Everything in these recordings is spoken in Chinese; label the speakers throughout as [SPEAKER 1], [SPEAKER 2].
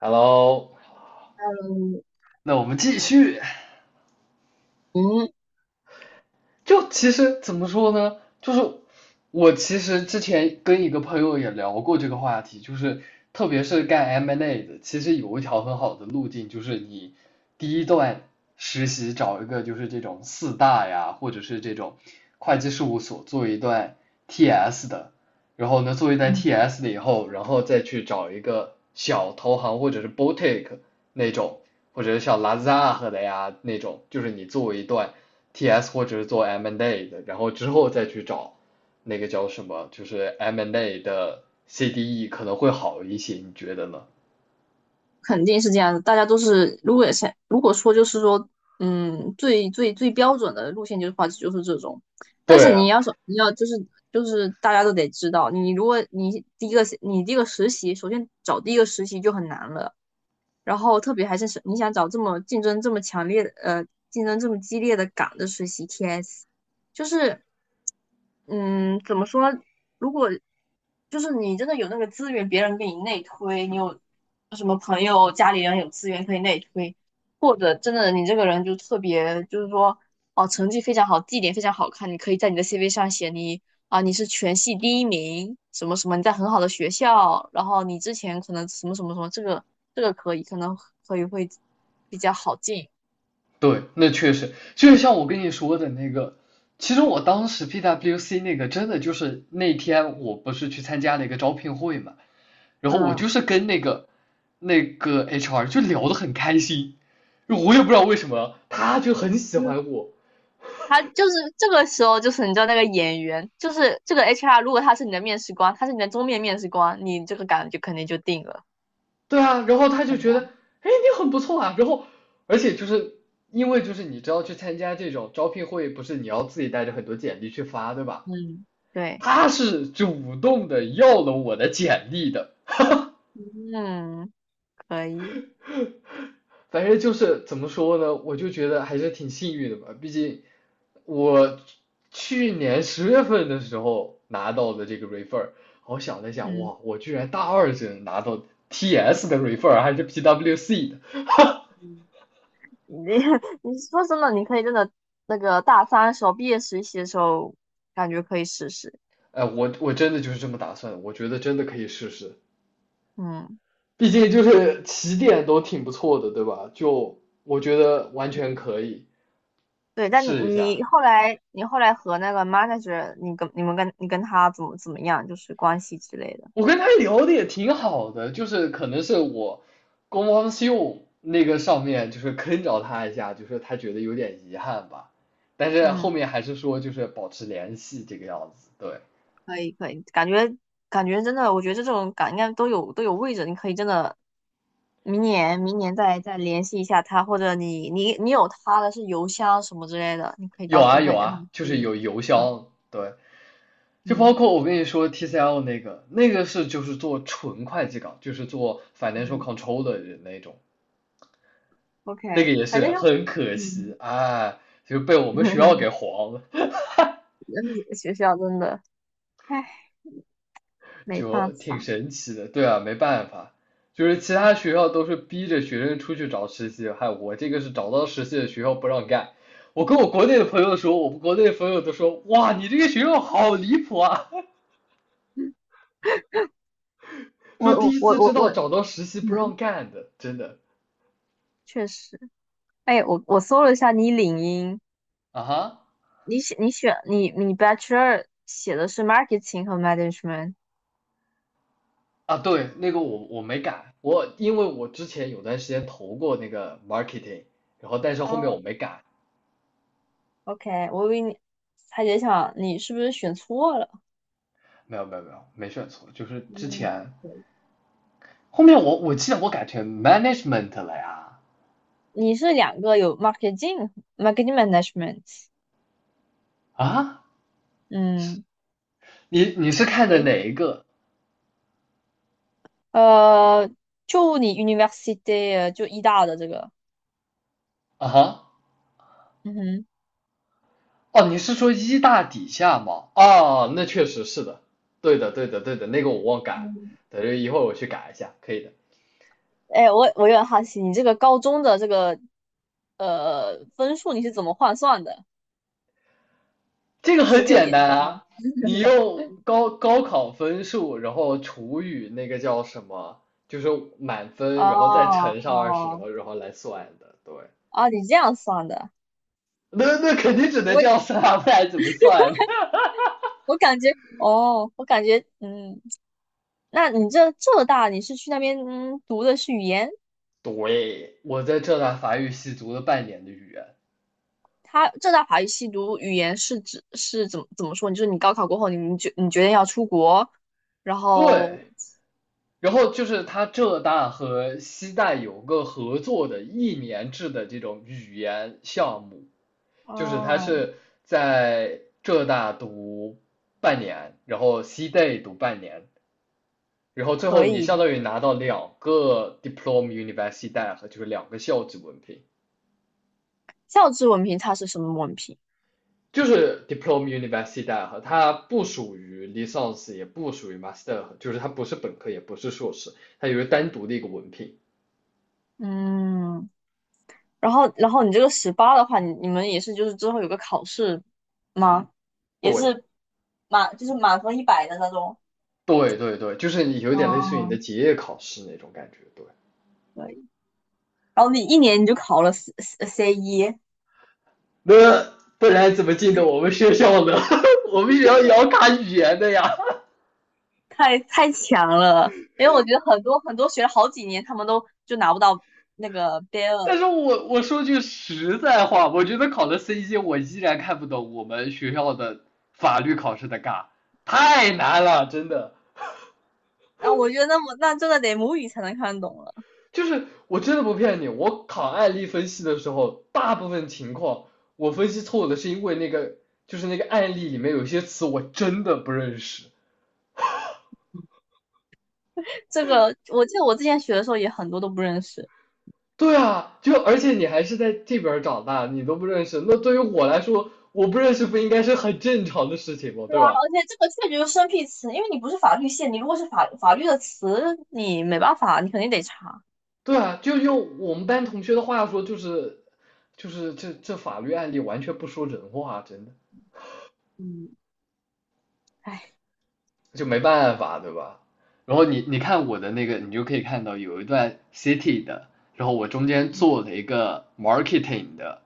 [SPEAKER 1] Hello,
[SPEAKER 2] 嗯，
[SPEAKER 1] 那我们继续。
[SPEAKER 2] 嗯，
[SPEAKER 1] 就其实怎么说呢，就是我其实之前跟一个朋友也聊过这个话题，就是特别是干 M&A n d A 的，其实有一条很好的路径，就是你第一段实习找一个就是这种四大呀，或者是这种会计事务所做一段 TS 的，然后呢做一段 TS 的以后，然后再去找一个小投行或者是 boutique 那种，或者是像 Lazada 的呀那种，就是你做一段TS 或者是做 M&A 的，然后之后再去找那个叫什么，就是 M&A 的 CDE 可能会好一些，你觉得呢？
[SPEAKER 2] 肯定是这样子。大家都是，如果想，如果说就是说，最最最标准的路线就是话，就是这种。但是
[SPEAKER 1] 对啊，
[SPEAKER 2] 你要就是大家都得知道，你如果第一个实习，首先找第一个实习就很难了。然后特别还是你想找这么竞争这么强烈的，呃，竞争这么激烈的岗的实习 TS，就是，嗯，怎么说？如果就是你真的有那个资源，别人给你内推，你有什么朋友、家里人有资源可以内推，或者真的你这个人就特别，就是说，哦，成绩非常好，绩点非常好看，你可以在你的 CV 上写你，啊，你是全系第一名，什么什么，你在很好的学校，然后你之前可能什么什么什么，这个可以，可能可以会比较好进。
[SPEAKER 1] 对，那确实，就是像我跟你说的那个，其实我当时 PWC 那个真的就是那天我不是去参加了一个招聘会嘛，然后我就
[SPEAKER 2] 嗯，
[SPEAKER 1] 是跟那个 HR 就聊得很开心，我也不知道为什么，他就很喜欢
[SPEAKER 2] 嗯，
[SPEAKER 1] 我，
[SPEAKER 2] 他就是这个时候，就是你知道那个演员，就是这个 HR，如果他是你的面试官，他是你的终面面试官，你这个岗就肯定就定了。
[SPEAKER 1] 对啊，然后他
[SPEAKER 2] 好
[SPEAKER 1] 就觉得，
[SPEAKER 2] 吧，
[SPEAKER 1] 哎，你很不错啊。然后，而且就是因为就是你知道去参加这种招聘会，不是你要自己带着很多简历去发，对吧？
[SPEAKER 2] 嗯，对，
[SPEAKER 1] 他是主动的要了我的简历的。
[SPEAKER 2] 嗯，可以，
[SPEAKER 1] 反正就是怎么说呢，我就觉得还是挺幸运的吧。毕竟我去年十月份的时候拿到的这个 refer,我想了想，
[SPEAKER 2] 嗯。
[SPEAKER 1] 哇，我居然大二生拿到 TS 的 refer,还是 PWC 的。
[SPEAKER 2] 嗯，你 你说真的，你可以真的那个大三的时候，毕业实习的时候，感觉可以试试。
[SPEAKER 1] 哎，我真的就是这么打算，我觉得真的可以试试，
[SPEAKER 2] 嗯，
[SPEAKER 1] 毕竟就是起点都挺不错的，对吧？就我觉得完全
[SPEAKER 2] 嗯，
[SPEAKER 1] 可以
[SPEAKER 2] 对，但
[SPEAKER 1] 试一
[SPEAKER 2] 你你
[SPEAKER 1] 下。
[SPEAKER 2] 后来你后来和那个 manager，你跟你们跟你跟他怎么样，就是关系之类的。
[SPEAKER 1] 我跟他聊的也挺好的，就是可能是我公方秀那个上面就是坑着他一下，就是他觉得有点遗憾吧，但是后
[SPEAKER 2] 嗯，
[SPEAKER 1] 面还是说就是保持联系这个样子。对，
[SPEAKER 2] 可以可以，感觉真的，我觉得这种感应该都有位置，你可以真的明年再联系一下他，或者你有他的是邮箱什么之类的，你可以
[SPEAKER 1] 有
[SPEAKER 2] 到时
[SPEAKER 1] 啊
[SPEAKER 2] 候
[SPEAKER 1] 有
[SPEAKER 2] 再跟他
[SPEAKER 1] 啊，
[SPEAKER 2] 们
[SPEAKER 1] 就
[SPEAKER 2] 说。
[SPEAKER 1] 是有邮
[SPEAKER 2] 对，
[SPEAKER 1] 箱，对，就包
[SPEAKER 2] 嗯
[SPEAKER 1] 括我跟你说 TCL 那个，那个是就是做纯会计岗，就是做 financial
[SPEAKER 2] 嗯
[SPEAKER 1] control 的人那种，
[SPEAKER 2] ，OK，
[SPEAKER 1] 那个也
[SPEAKER 2] 反正
[SPEAKER 1] 是
[SPEAKER 2] 就
[SPEAKER 1] 很可惜
[SPEAKER 2] 嗯，
[SPEAKER 1] 啊，就被我们学校 给黄了，
[SPEAKER 2] 学校真的，唉，没办
[SPEAKER 1] 就挺
[SPEAKER 2] 法。
[SPEAKER 1] 神奇的。对啊，没办法，就是其他学校都是逼着学生出去找实习，嗨，我这个是找到实习的学校不让干。我跟我国内的朋友说，我们国内的朋友都说，哇，你这个学校好离谱啊，
[SPEAKER 2] 我
[SPEAKER 1] 说第
[SPEAKER 2] 我
[SPEAKER 1] 一
[SPEAKER 2] 我
[SPEAKER 1] 次知
[SPEAKER 2] 我我
[SPEAKER 1] 道找到实习不让干的，真的
[SPEAKER 2] 确实，哎，我搜了一下你领英，
[SPEAKER 1] 啊哈。
[SPEAKER 2] 你写你选你 Bachelor 写的是 marketing 和 management，
[SPEAKER 1] 啊，对，那个我没改，我因为我之前有段时间投过那个 marketing,然后但是后面
[SPEAKER 2] 哦
[SPEAKER 1] 我没改，
[SPEAKER 2] ，OK，我以为你还在想你是不是选错了，
[SPEAKER 1] 没有没有没有，没选错，就是之
[SPEAKER 2] 嗯，
[SPEAKER 1] 前
[SPEAKER 2] 对，
[SPEAKER 1] 后面我记得我改成 management 了呀，
[SPEAKER 2] 你是两个有 marketing marketing management，
[SPEAKER 1] 啊，
[SPEAKER 2] 嗯，
[SPEAKER 1] 你你是看的
[SPEAKER 2] 诶，
[SPEAKER 1] 哪一个
[SPEAKER 2] 呃，就你 university 就医大的这个，
[SPEAKER 1] 啊哈？
[SPEAKER 2] 嗯哼，
[SPEAKER 1] 哦，你是说一大底下吗？哦，那确实是的，对的对的对的，那个我忘改，
[SPEAKER 2] 嗯，
[SPEAKER 1] 等着一会儿我去改一下，可以的。
[SPEAKER 2] 哎，我有点好奇，你这个高中的这个分数你是怎么换算的？
[SPEAKER 1] 这个
[SPEAKER 2] 十
[SPEAKER 1] 很
[SPEAKER 2] 六
[SPEAKER 1] 简
[SPEAKER 2] 点
[SPEAKER 1] 单
[SPEAKER 2] 三。
[SPEAKER 1] 啊，你用高考分数，然后除以那个叫什么，就是满
[SPEAKER 2] 哦
[SPEAKER 1] 分，然后再乘上二十，然
[SPEAKER 2] 哦
[SPEAKER 1] 后然后来算的。对，
[SPEAKER 2] 哦，你这样算的，
[SPEAKER 1] 那那肯定只能这样
[SPEAKER 2] 我
[SPEAKER 1] 算啊，不然怎么算？
[SPEAKER 2] 我感觉哦，我感觉那你这浙大你是去那边读的是语言，
[SPEAKER 1] 对，我在浙大法语系读了半年的语言，
[SPEAKER 2] 它浙大法语系读语言是怎么说？你就是你高考过后你决定要出国，然
[SPEAKER 1] 对，
[SPEAKER 2] 后
[SPEAKER 1] 然后就是它浙大和西大有个合作的一年制的这种语言项目，就是它
[SPEAKER 2] 哦，
[SPEAKER 1] 是在浙大读半年，然后西大读半年，然后最后
[SPEAKER 2] 可
[SPEAKER 1] 你
[SPEAKER 2] 以，
[SPEAKER 1] 相当于拿到两个 Diplom a Universidad,就是两个校级文凭。
[SPEAKER 2] 教职文凭它是什么文凭？
[SPEAKER 1] 就是 Diplom a Universidad,它不属于 l i c e n s e 也不属于 Master,就是它不是本科，也不是硕士，它有一个单独的一个文凭。
[SPEAKER 2] 嗯，然后你这个18的话，你们也是就是之后有个考试吗？也
[SPEAKER 1] 对，
[SPEAKER 2] 是满就是满分100的那种。
[SPEAKER 1] 对对对，就是你有点类似于你的
[SPEAKER 2] 哦，
[SPEAKER 1] 结业考试那种感觉，对。
[SPEAKER 2] 以。然后你一年就考了 C 一，
[SPEAKER 1] 那不然怎么进的我们学校呢？我们学校也要卡语言的呀。
[SPEAKER 2] 太强了。因为我觉得很多很多学了好几年，他们都就拿不到那个 B
[SPEAKER 1] 但是
[SPEAKER 2] 二。
[SPEAKER 1] 我说句实在话，我觉得考了 C 一，我依然看不懂我们学校的法律考试的嘎，太难了，真的。
[SPEAKER 2] 然后我觉得那真的得母语才能看懂了。
[SPEAKER 1] 就是我真的不骗你，我考案例分析的时候，大部分情况我分析错误的是因为那个就是那个案例里面有些词我真的不认识。
[SPEAKER 2] 这个我记得我之前学的时候也很多都不认识。
[SPEAKER 1] 对啊，就而且你还是在这边儿长大，你都不认识，那对于我来说，我不认识不应该是很正常的事情吗？对吧？
[SPEAKER 2] 而且这个确实就是生僻词，因为你不是法律系，你如果是法律的词，你没办法，你肯定得查。
[SPEAKER 1] 对啊，就用我们班同学的话说，就是，就是这法律案例完全不说人话啊，真的。
[SPEAKER 2] 嗯，哎，
[SPEAKER 1] 就没办法，对吧？然后你你看我的那个，你就可以看到有一段 city 的，然后我中间做了一个 marketing 的，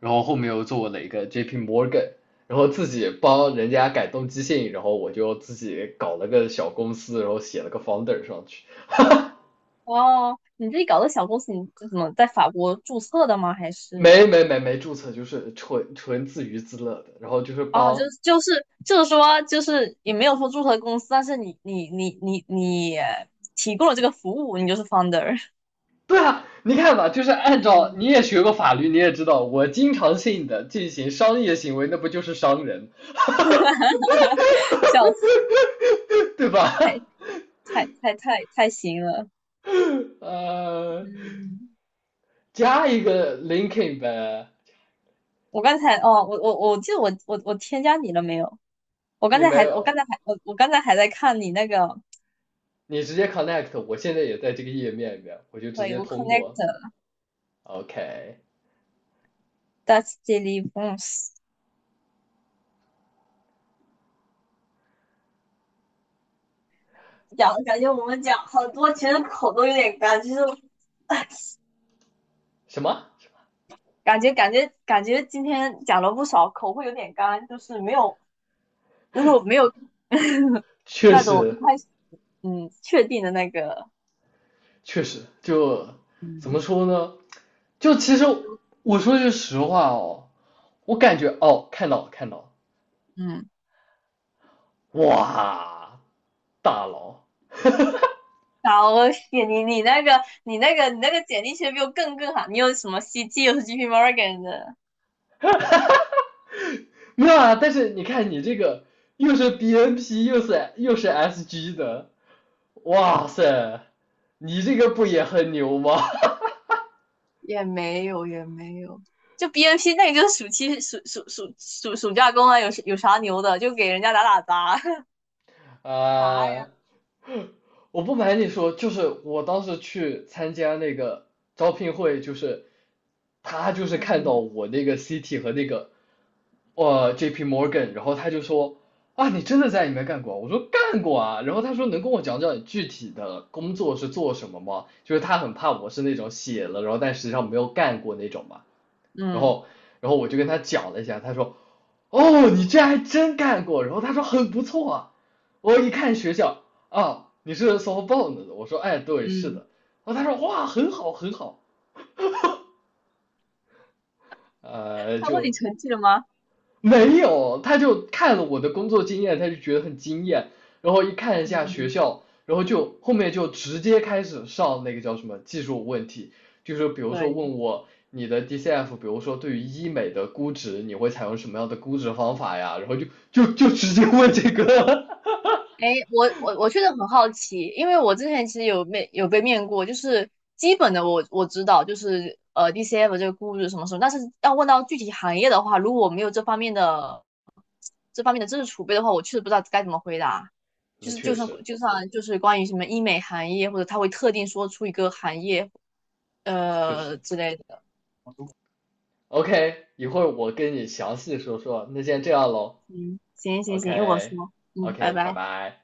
[SPEAKER 1] 然后后面又做了一个 JP Morgan,然后自己帮人家改动机信，然后我就自己搞了个小公司，然后写了个 founder 上去，
[SPEAKER 2] 哦，你自己搞的小公司，你是怎么在法国注册的吗？还
[SPEAKER 1] 没
[SPEAKER 2] 是
[SPEAKER 1] 没没没注册，就是纯纯自娱自乐的，然后就是
[SPEAKER 2] 哦，就
[SPEAKER 1] 帮
[SPEAKER 2] 是就是就是说，就是也没有说注册公司，但是你提供了这个服务，你就是 founder，
[SPEAKER 1] 对啊，你看嘛，就是按照你
[SPEAKER 2] 嗯，
[SPEAKER 1] 也学过法律，你也知道，我经常性的进行商业行为，那不就是商人，哈哈哈
[SPEAKER 2] 笑死，
[SPEAKER 1] 对吧？
[SPEAKER 2] 太行了。
[SPEAKER 1] 呃，
[SPEAKER 2] 嗯，
[SPEAKER 1] 加一个 linking 呗，
[SPEAKER 2] 我刚才哦，我记得我添加你了没有？我刚
[SPEAKER 1] 你
[SPEAKER 2] 才
[SPEAKER 1] 没
[SPEAKER 2] 还，我
[SPEAKER 1] 有，
[SPEAKER 2] 刚才还，我我刚才还在看你那个，
[SPEAKER 1] 你直接 connect,我现在也在这个页面里面，我就直
[SPEAKER 2] 可以，
[SPEAKER 1] 接
[SPEAKER 2] 我
[SPEAKER 1] 通
[SPEAKER 2] connect
[SPEAKER 1] 过。OK,
[SPEAKER 2] that's d e l i v e s， 讲感觉我们讲好多，其实口都有点干，就是
[SPEAKER 1] 什么？
[SPEAKER 2] 感觉今天讲了不少，口会有点干，就是没有，就是我没有
[SPEAKER 1] 确
[SPEAKER 2] 那种一
[SPEAKER 1] 实，
[SPEAKER 2] 开始确定的那个。
[SPEAKER 1] 确实，就怎么
[SPEAKER 2] 嗯
[SPEAKER 1] 说呢？就其实我说句实话哦，我感觉哦，看到了，看到了。
[SPEAKER 2] 嗯，
[SPEAKER 1] 哇，大佬，
[SPEAKER 2] 好，我写你那个简历其实比我更好，你有什么 CT，有 JP Morgan 的。
[SPEAKER 1] 没有啊但是你看你这个又是 BNP 又是 SG 的，哇塞，你这个不也很牛吗？
[SPEAKER 2] 也没有，也没有。就 BNP 那个就是暑期暑暑暑暑暑假工啊，有啥牛的？就给人家打打杂
[SPEAKER 1] 啊，
[SPEAKER 2] 杂 呀。
[SPEAKER 1] 我不瞒你说，就是我当时去参加那个招聘会，就是他就是看到
[SPEAKER 2] 嗯
[SPEAKER 1] 我那个 CT 和那个JP Morgan,然后他就说啊，你真的在里面干过啊我说干过啊。然后他说能跟我讲讲你具体的工作是做什么吗？就是他很怕我是那种写了，然后但实际上没有干过那种嘛。然
[SPEAKER 2] 嗯
[SPEAKER 1] 后我就跟他讲了一下，他说，哦，你这还真干过，然后他说很不错啊，我一看学校啊，你是 s o f b o u n d 的，我说哎对是
[SPEAKER 2] 嗯，
[SPEAKER 1] 的，然后他说哇很好很好，
[SPEAKER 2] 他问你
[SPEAKER 1] 就
[SPEAKER 2] 成绩了吗？
[SPEAKER 1] 没有，他就看了我的工作经验，他就觉得很惊艳，然后一看一下学
[SPEAKER 2] 嗯，
[SPEAKER 1] 校，然后就后面就直接开始上那个叫什么技术问题，就是比如
[SPEAKER 2] 可
[SPEAKER 1] 说
[SPEAKER 2] 以。
[SPEAKER 1] 问我你的 DCF,比如说对于医美的估值，你会采用什么样的估值方法呀？然后就直接问这个，
[SPEAKER 2] 哎，我确实很好奇，因为我之前其实有被面过，就是基本的我知道，就是DCF 这个估值什么什么，但是要问到具体行业的话，如果我没有这方面的知识储备的话，我确实不知道该怎么回答。
[SPEAKER 1] 那
[SPEAKER 2] 就是
[SPEAKER 1] 确
[SPEAKER 2] 就算
[SPEAKER 1] 实
[SPEAKER 2] 就算就是关于什么医美行业，或者他会特定说出一个行业
[SPEAKER 1] 确实
[SPEAKER 2] 之类的。
[SPEAKER 1] ，OK,一会儿我跟你详细说说，那先这样喽
[SPEAKER 2] 嗯，行行行，一会儿
[SPEAKER 1] ，OK
[SPEAKER 2] 说。嗯，拜
[SPEAKER 1] OK,拜
[SPEAKER 2] 拜。
[SPEAKER 1] 拜。